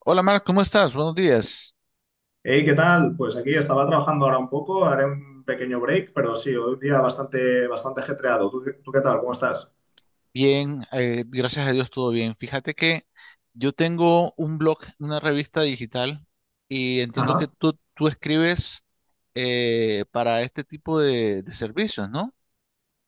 Hola Marc, ¿cómo estás? Buenos días. Hey, ¿qué tal? Pues aquí estaba trabajando ahora un poco, haré un pequeño break, pero sí, hoy un día bastante ajetreado. ¿Tú, qué tal? ¿Cómo estás? Bien, gracias a Dios todo bien. Fíjate que yo tengo un blog, una revista digital y entiendo que Ajá. tú escribes para este tipo de servicios, ¿no?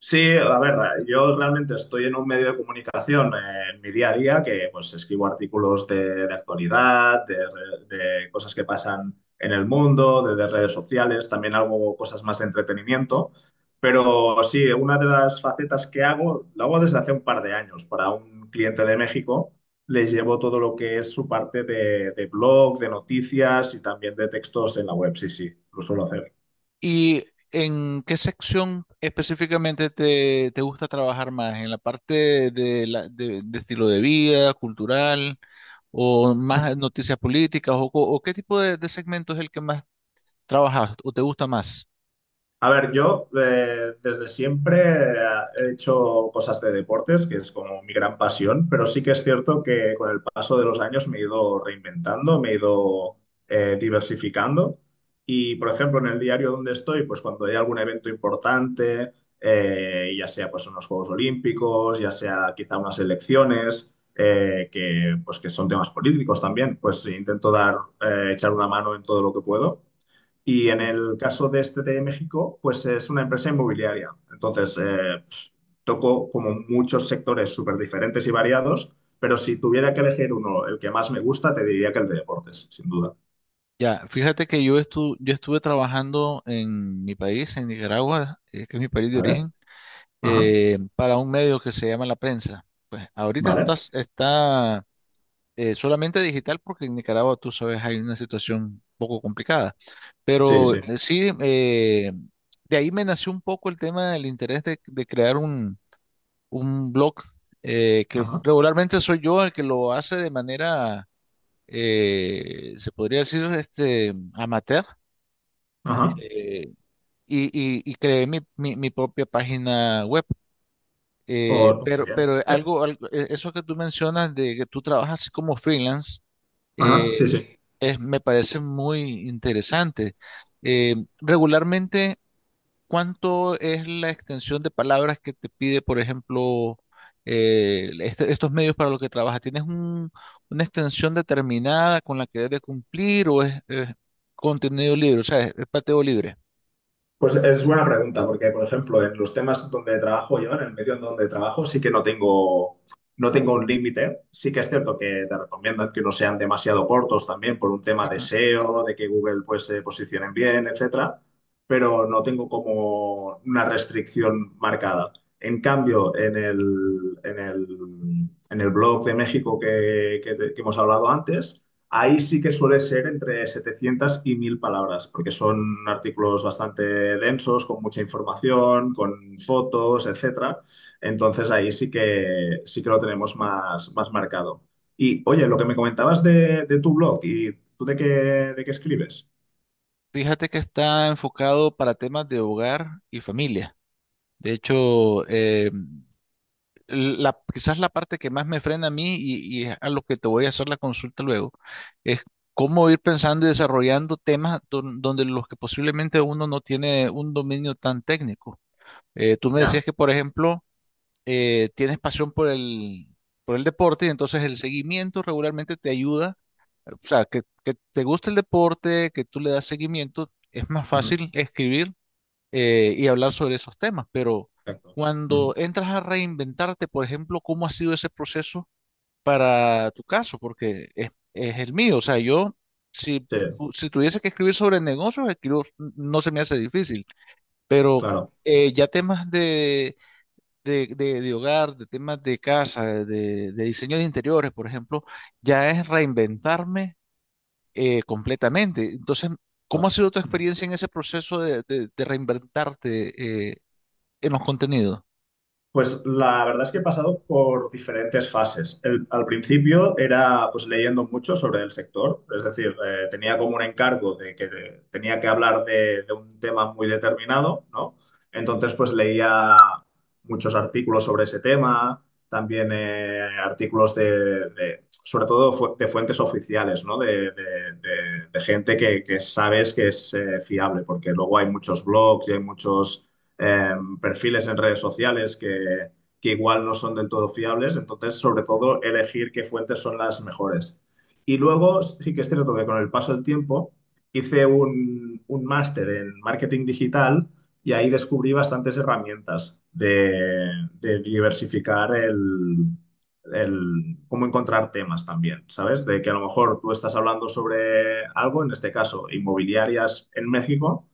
Sí, a ver, yo realmente estoy en un medio de comunicación, en mi día a día que pues escribo artículos de actualidad, de cosas que pasan en el mundo, de redes sociales, también hago cosas más de entretenimiento, pero sí, una de las facetas que hago, lo hago desde hace un par de años para un cliente de México. Les llevo todo lo que es su parte de blog, de noticias y también de textos en la web. Sí, sí, lo suelo hacer. ¿Y en qué sección específicamente te gusta trabajar más? ¿En la parte de estilo de vida, cultural o más noticias políticas o qué tipo de segmento es el que más trabajas o te gusta más? A ver, yo desde siempre he hecho cosas de deportes, que es como mi gran pasión, pero sí que es cierto que con el paso de los años me he ido reinventando, me he ido, diversificando. Y, por ejemplo, en el diario donde estoy, pues cuando hay algún evento importante, ya sea pues unos Juegos Olímpicos, ya sea quizá unas elecciones, que pues que son temas políticos también, pues intento dar, echar una mano en todo lo que puedo. Y en el caso de este de México, pues es una empresa inmobiliaria. Entonces, toco como muchos sectores súper diferentes y variados, pero si tuviera que elegir uno, el que más me gusta, te diría que el de deportes, sin duda. Ya, fíjate que yo estuve trabajando en mi país, en Nicaragua, que es mi país de ¿Vale? origen, Ajá. Para un medio que se llama La Prensa. Pues ahorita está, ¿Vale? está solamente digital porque en Nicaragua, tú sabes, hay una situación un poco complicada. Sí, Pero sí. Sí, de ahí me nació un poco el tema del interés de crear un blog, que Ajá. regularmente soy yo el que lo hace de manera, se podría decir, este, amateur. Ajá. Eh, y, y- y creé mi propia página web. Eh, O- muy pero, bien. pero algo, algo- eh, eso que tú mencionas de que tú trabajas como freelance, Ajá. eh, Sí, sí. Me parece muy interesante. Regularmente, ¿cuánto es la extensión de palabras que te pide, por ejemplo, estos medios para los que trabajas? ¿Tienes una extensión determinada con la que debes de cumplir o es contenido libre? O sea, es pateo libre. Pues es buena pregunta, porque, por ejemplo, en los temas donde trabajo yo, en el medio en donde trabajo, sí que no tengo, no tengo un límite. Sí que es cierto que te recomiendan que no sean demasiado cortos también por un tema de SEO, de que Google pues se posicionen bien, etcétera, pero no tengo como una restricción marcada. En cambio, en el blog de México que, que hemos hablado antes, ahí sí que suele ser entre 700 y 1000 palabras, porque son artículos bastante densos, con mucha información, con fotos, etcétera. Entonces ahí sí que lo tenemos más, más marcado. Y oye, lo que me comentabas de tu blog, ¿y tú de qué escribes? Fíjate que está enfocado para temas de hogar y familia. De hecho, la, quizás la parte que más me frena a mí y es a lo que te voy a hacer la consulta luego, es cómo ir pensando y desarrollando temas donde los que posiblemente uno no tiene un dominio tan técnico. Tú me Ya. decías que, por ejemplo, tienes pasión por por el deporte y entonces el seguimiento regularmente te ayuda. O sea, que te gusta el deporte, que tú le das seguimiento, es más Ujú. fácil escribir y hablar sobre esos temas, pero Exacto. Ujú. cuando entras a reinventarte, por ejemplo, ¿cómo ha sido ese proceso para tu caso? Porque es el mío, o sea, yo, si, Sí, si tuviese que escribir sobre negocios, no se me hace difícil, pero claro. Ya temas de hogar, de temas de casa, de diseño de interiores, por ejemplo, ya es reinventarme completamente. Entonces, ¿cómo ha Claro. sido tu experiencia en ese proceso de reinventarte? En los contenidos. Pues la verdad es que he pasado por diferentes fases. Al principio era pues leyendo mucho sobre el sector, es decir, tenía como un encargo de tenía que hablar de un tema muy determinado, ¿no? Entonces pues leía muchos artículos sobre ese tema, también artículos sobre todo de fuentes oficiales, ¿no? De gente que sabes que es, fiable, porque luego hay muchos blogs y hay muchos, eh, perfiles en redes sociales que igual no son del todo fiables. Entonces, sobre todo, elegir qué fuentes son las mejores. Y luego, sí que es cierto que con el paso del tiempo hice un máster en marketing digital y ahí descubrí bastantes herramientas de diversificar cómo encontrar temas también, ¿sabes? De que a lo mejor tú estás hablando sobre algo, en este caso, inmobiliarias en México,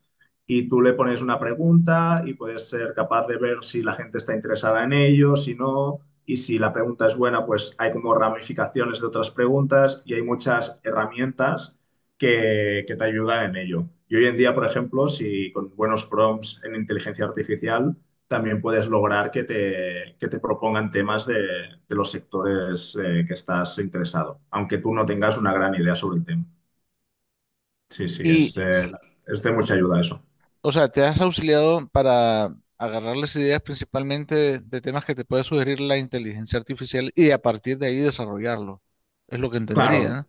y tú le pones una pregunta y puedes ser capaz de ver si la gente está interesada en ello, si no, y si la pregunta es buena, pues hay como ramificaciones de otras preguntas y hay muchas herramientas que te ayudan en ello. Y hoy en día, por ejemplo, si con buenos prompts en inteligencia artificial, también puedes lograr que que te propongan temas de los sectores, que estás interesado, aunque tú no tengas una gran idea sobre el tema. Sí, sí, Y, es de mucha ayuda eso. o sea, te has auxiliado para agarrar las ideas principalmente de temas que te puede sugerir la inteligencia artificial y a partir de ahí desarrollarlo. Es lo que Claro. entendería, ¿no?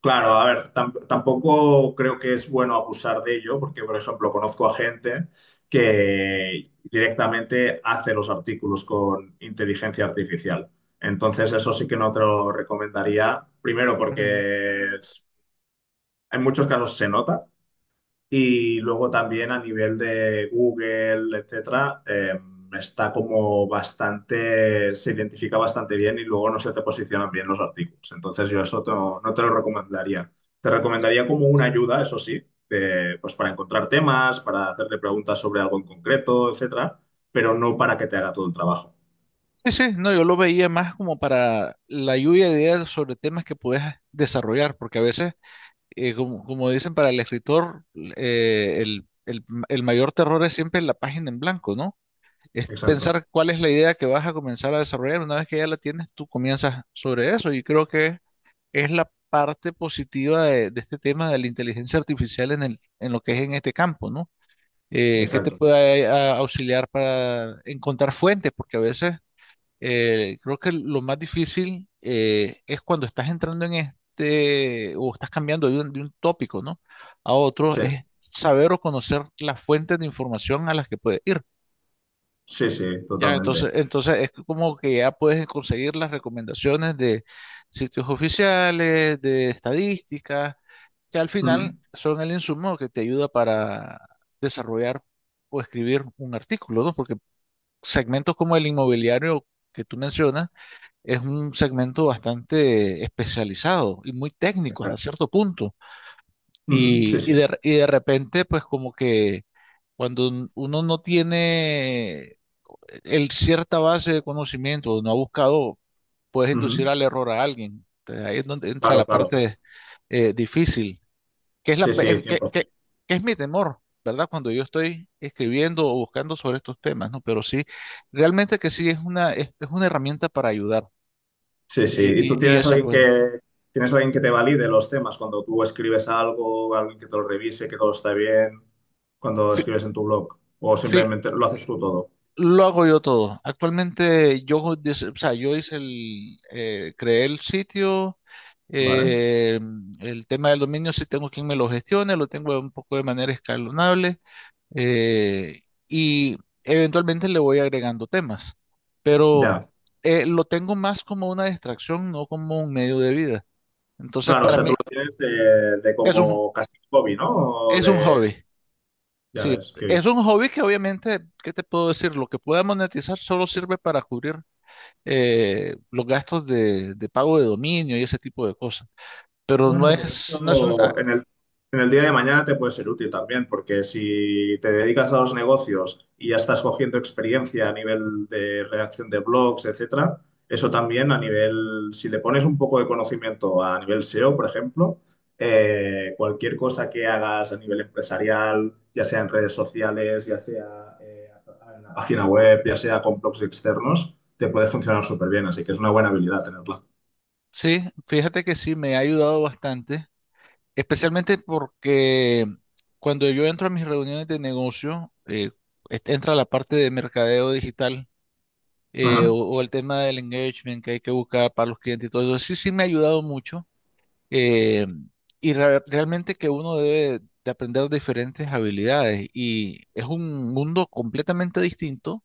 Claro, a ver, tampoco creo que es bueno abusar de ello, porque, por ejemplo, conozco a gente que directamente hace los artículos con inteligencia artificial. Entonces, eso sí que no te lo recomendaría. Primero, Ujú. porque en muchos casos se nota. Y luego también a nivel de Google, etcétera, está como bastante, se identifica bastante bien y luego no se te posicionan bien los artículos. Entonces yo eso no te lo recomendaría. Te recomendaría como una ayuda, eso sí, de, pues para encontrar temas, para hacerle preguntas sobre algo en concreto, etcétera, pero no para que te haga todo el trabajo. Sí, sí, no, yo lo veía más como para la lluvia de ideas sobre temas que puedes desarrollar, porque a veces, como, como dicen para el escritor, el, el mayor terror es siempre la página en blanco, ¿no? Es Exacto, pensar cuál es la idea que vas a comenzar a desarrollar. Una vez que ya la tienes, tú comienzas sobre eso y creo que es la parte positiva de este tema de la inteligencia artificial en el, en lo que es en este campo, ¿no? Que te exacto. puede auxiliar para encontrar fuentes, porque a veces creo que lo más difícil es cuando estás entrando en este o estás cambiando de de un tópico, ¿no? A otro, Sí, es saber o conocer las fuentes de información a las que puedes ir. sí, sí, Ya, entonces, totalmente. entonces es como que ya puedes conseguir las recomendaciones de sitios oficiales, de estadísticas, que al Ujú. final son el insumo que te ayuda para desarrollar o escribir un artículo, ¿no? Porque segmentos como el inmobiliario que tú mencionas es un segmento bastante especializado y muy técnico hasta Exacto. cierto punto. Ujú, sí, sí. Y de repente, pues como que cuando uno no tiene el cierta base de conocimiento no ha buscado, puedes inducir Ujú, al error a alguien. Entonces, ahí es donde entra la claro, claro. parte difícil, que es la Sí, pe- sí, 100%. que es mi temor, ¿verdad? Cuando yo estoy escribiendo o buscando sobre estos temas, ¿no? Pero sí, realmente que sí es una herramienta para ayudar. Sí, sí. Y, ¿Y y- tú y eso, bueno. Tienes alguien que te valide los temas cuando tú escribes algo, alguien que te lo revise, que todo está bien, cuando escribes en tu blog? O simplemente lo haces tú todo, Lo hago yo todo. Actualmente yo, o sea, yo hice el, creé el sitio, ¿vale? eh, el tema del dominio sí tengo quien me lo gestione, lo tengo un poco de manera escalonable eh, y eventualmente le voy agregando temas, pero Ya. Lo tengo más como una distracción, no como un medio de vida. Entonces Claro, o para sea, tú mí lo tienes de es un, como casi hobby, ¿no? O es un de, hobby. ya Sí, ves, qué bien. es un hobby que obviamente, ¿qué te puedo decir? Lo que pueda monetizar solo sirve para cubrir los gastos de pago de dominio y ese tipo de cosas. Pero no Bueno, pero es, no es un... ah, esto en el día de mañana te puede ser útil también, porque si te dedicas a los negocios y ya estás cogiendo experiencia a nivel de redacción de blogs, etcétera, eso también a nivel, si le pones un poco de conocimiento a nivel SEO, por ejemplo, cualquier cosa que hagas a nivel empresarial, ya sea en redes sociales, ya sea, en la página web, ya sea con blogs externos, te puede funcionar súper bien, así que es una buena habilidad tenerla. sí, fíjate que sí, me ha ayudado bastante, especialmente porque cuando yo entro a mis reuniones de negocio, entra la parte de mercadeo digital Ajá. o el tema del engagement que hay que buscar para los clientes y todo eso. Sí, sí me ha ayudado mucho. eh, realmente que uno debe de aprender diferentes habilidades y es un mundo completamente distinto.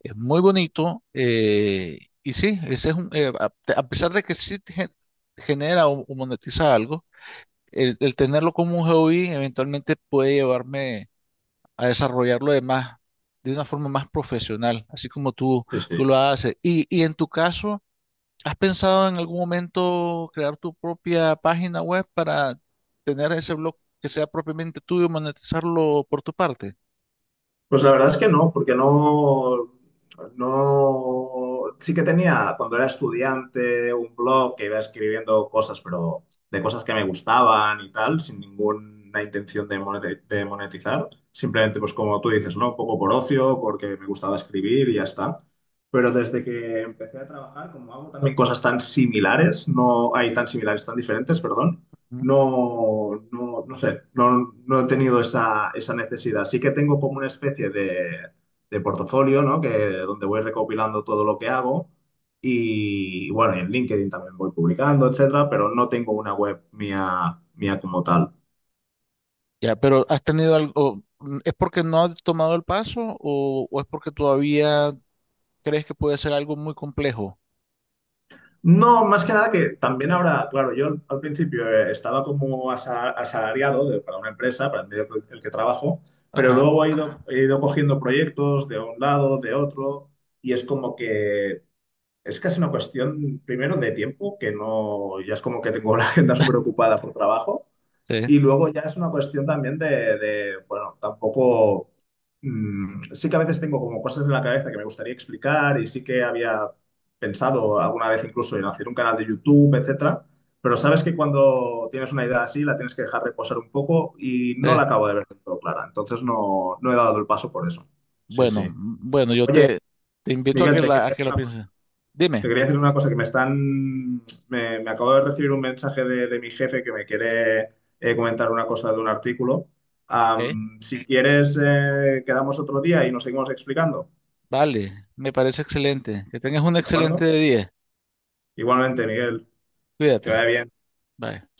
Es muy bonito y sí, ese es un, a pesar de que sí te genera o monetiza algo, el tenerlo como un hobby eventualmente puede llevarme a desarrollarlo de más, de una forma más profesional, así como tú, Sí, sí. tú lo haces. Y en tu caso, ¿has pensado en algún momento crear tu propia página web para tener ese blog que sea propiamente tuyo y monetizarlo por tu parte? Pues la verdad es que no, porque no, no, sí que tenía cuando era estudiante un blog que iba escribiendo cosas, pero de cosas que me gustaban y tal, sin ninguna intención de de monetizar, simplemente pues como tú dices, ¿no? Un poco por ocio, porque me gustaba escribir y ya está. Pero desde que empecé a trabajar, como hago también cosas tan similares, no hay tan similares, tan diferentes, perdón, no sé, no, no he tenido esa, esa necesidad. Sí que tengo como una especie de portafolio, ¿no? Que, donde voy recopilando todo lo que hago y bueno, y en LinkedIn también voy publicando, etcétera, pero no tengo una web mía, mía como tal. Ya, pero ¿has tenido algo? ¿Es porque no has tomado el paso o es porque todavía crees que puede ser algo muy complejo? No, más que nada que también ahora, claro, yo al principio, estaba como asalariado para una empresa, para el medio el que trabajo, pero Ajá, luego he ido, ajá, he ido cogiendo proyectos de un lado, de otro, y es como que es casi una cuestión, primero, de tiempo, que no, ya es como que tengo la agenda súper ocupada por trabajo, sí, y luego ya es una cuestión también bueno, tampoco, mm, sí que a veces tengo como cosas en la cabeza que me gustaría explicar y sí que había pensado alguna vez incluso en hacer un canal de YouTube, etcétera, pero sabes que cuando tienes una idea así la tienes que dejar reposar un poco y no la sí. acabo de ver del todo clara, entonces no, no he dado el paso por eso. Sí, Bueno, sí. Bueno, yo Oye, te, te invito Miguel, te quería a que decir la una cosa. pienses. Te Dime. quería decir una cosa, que me acabo de recibir un mensaje de mi jefe que me quiere, comentar una cosa de un artículo. ¿Eh? Am, si quieres, quedamos otro día y nos seguimos explicando, Vale, me parece excelente. Que tengas un ¿de acuerdo? excelente día. Igualmente, Miguel, que Cuídate. vaya bien. Bye.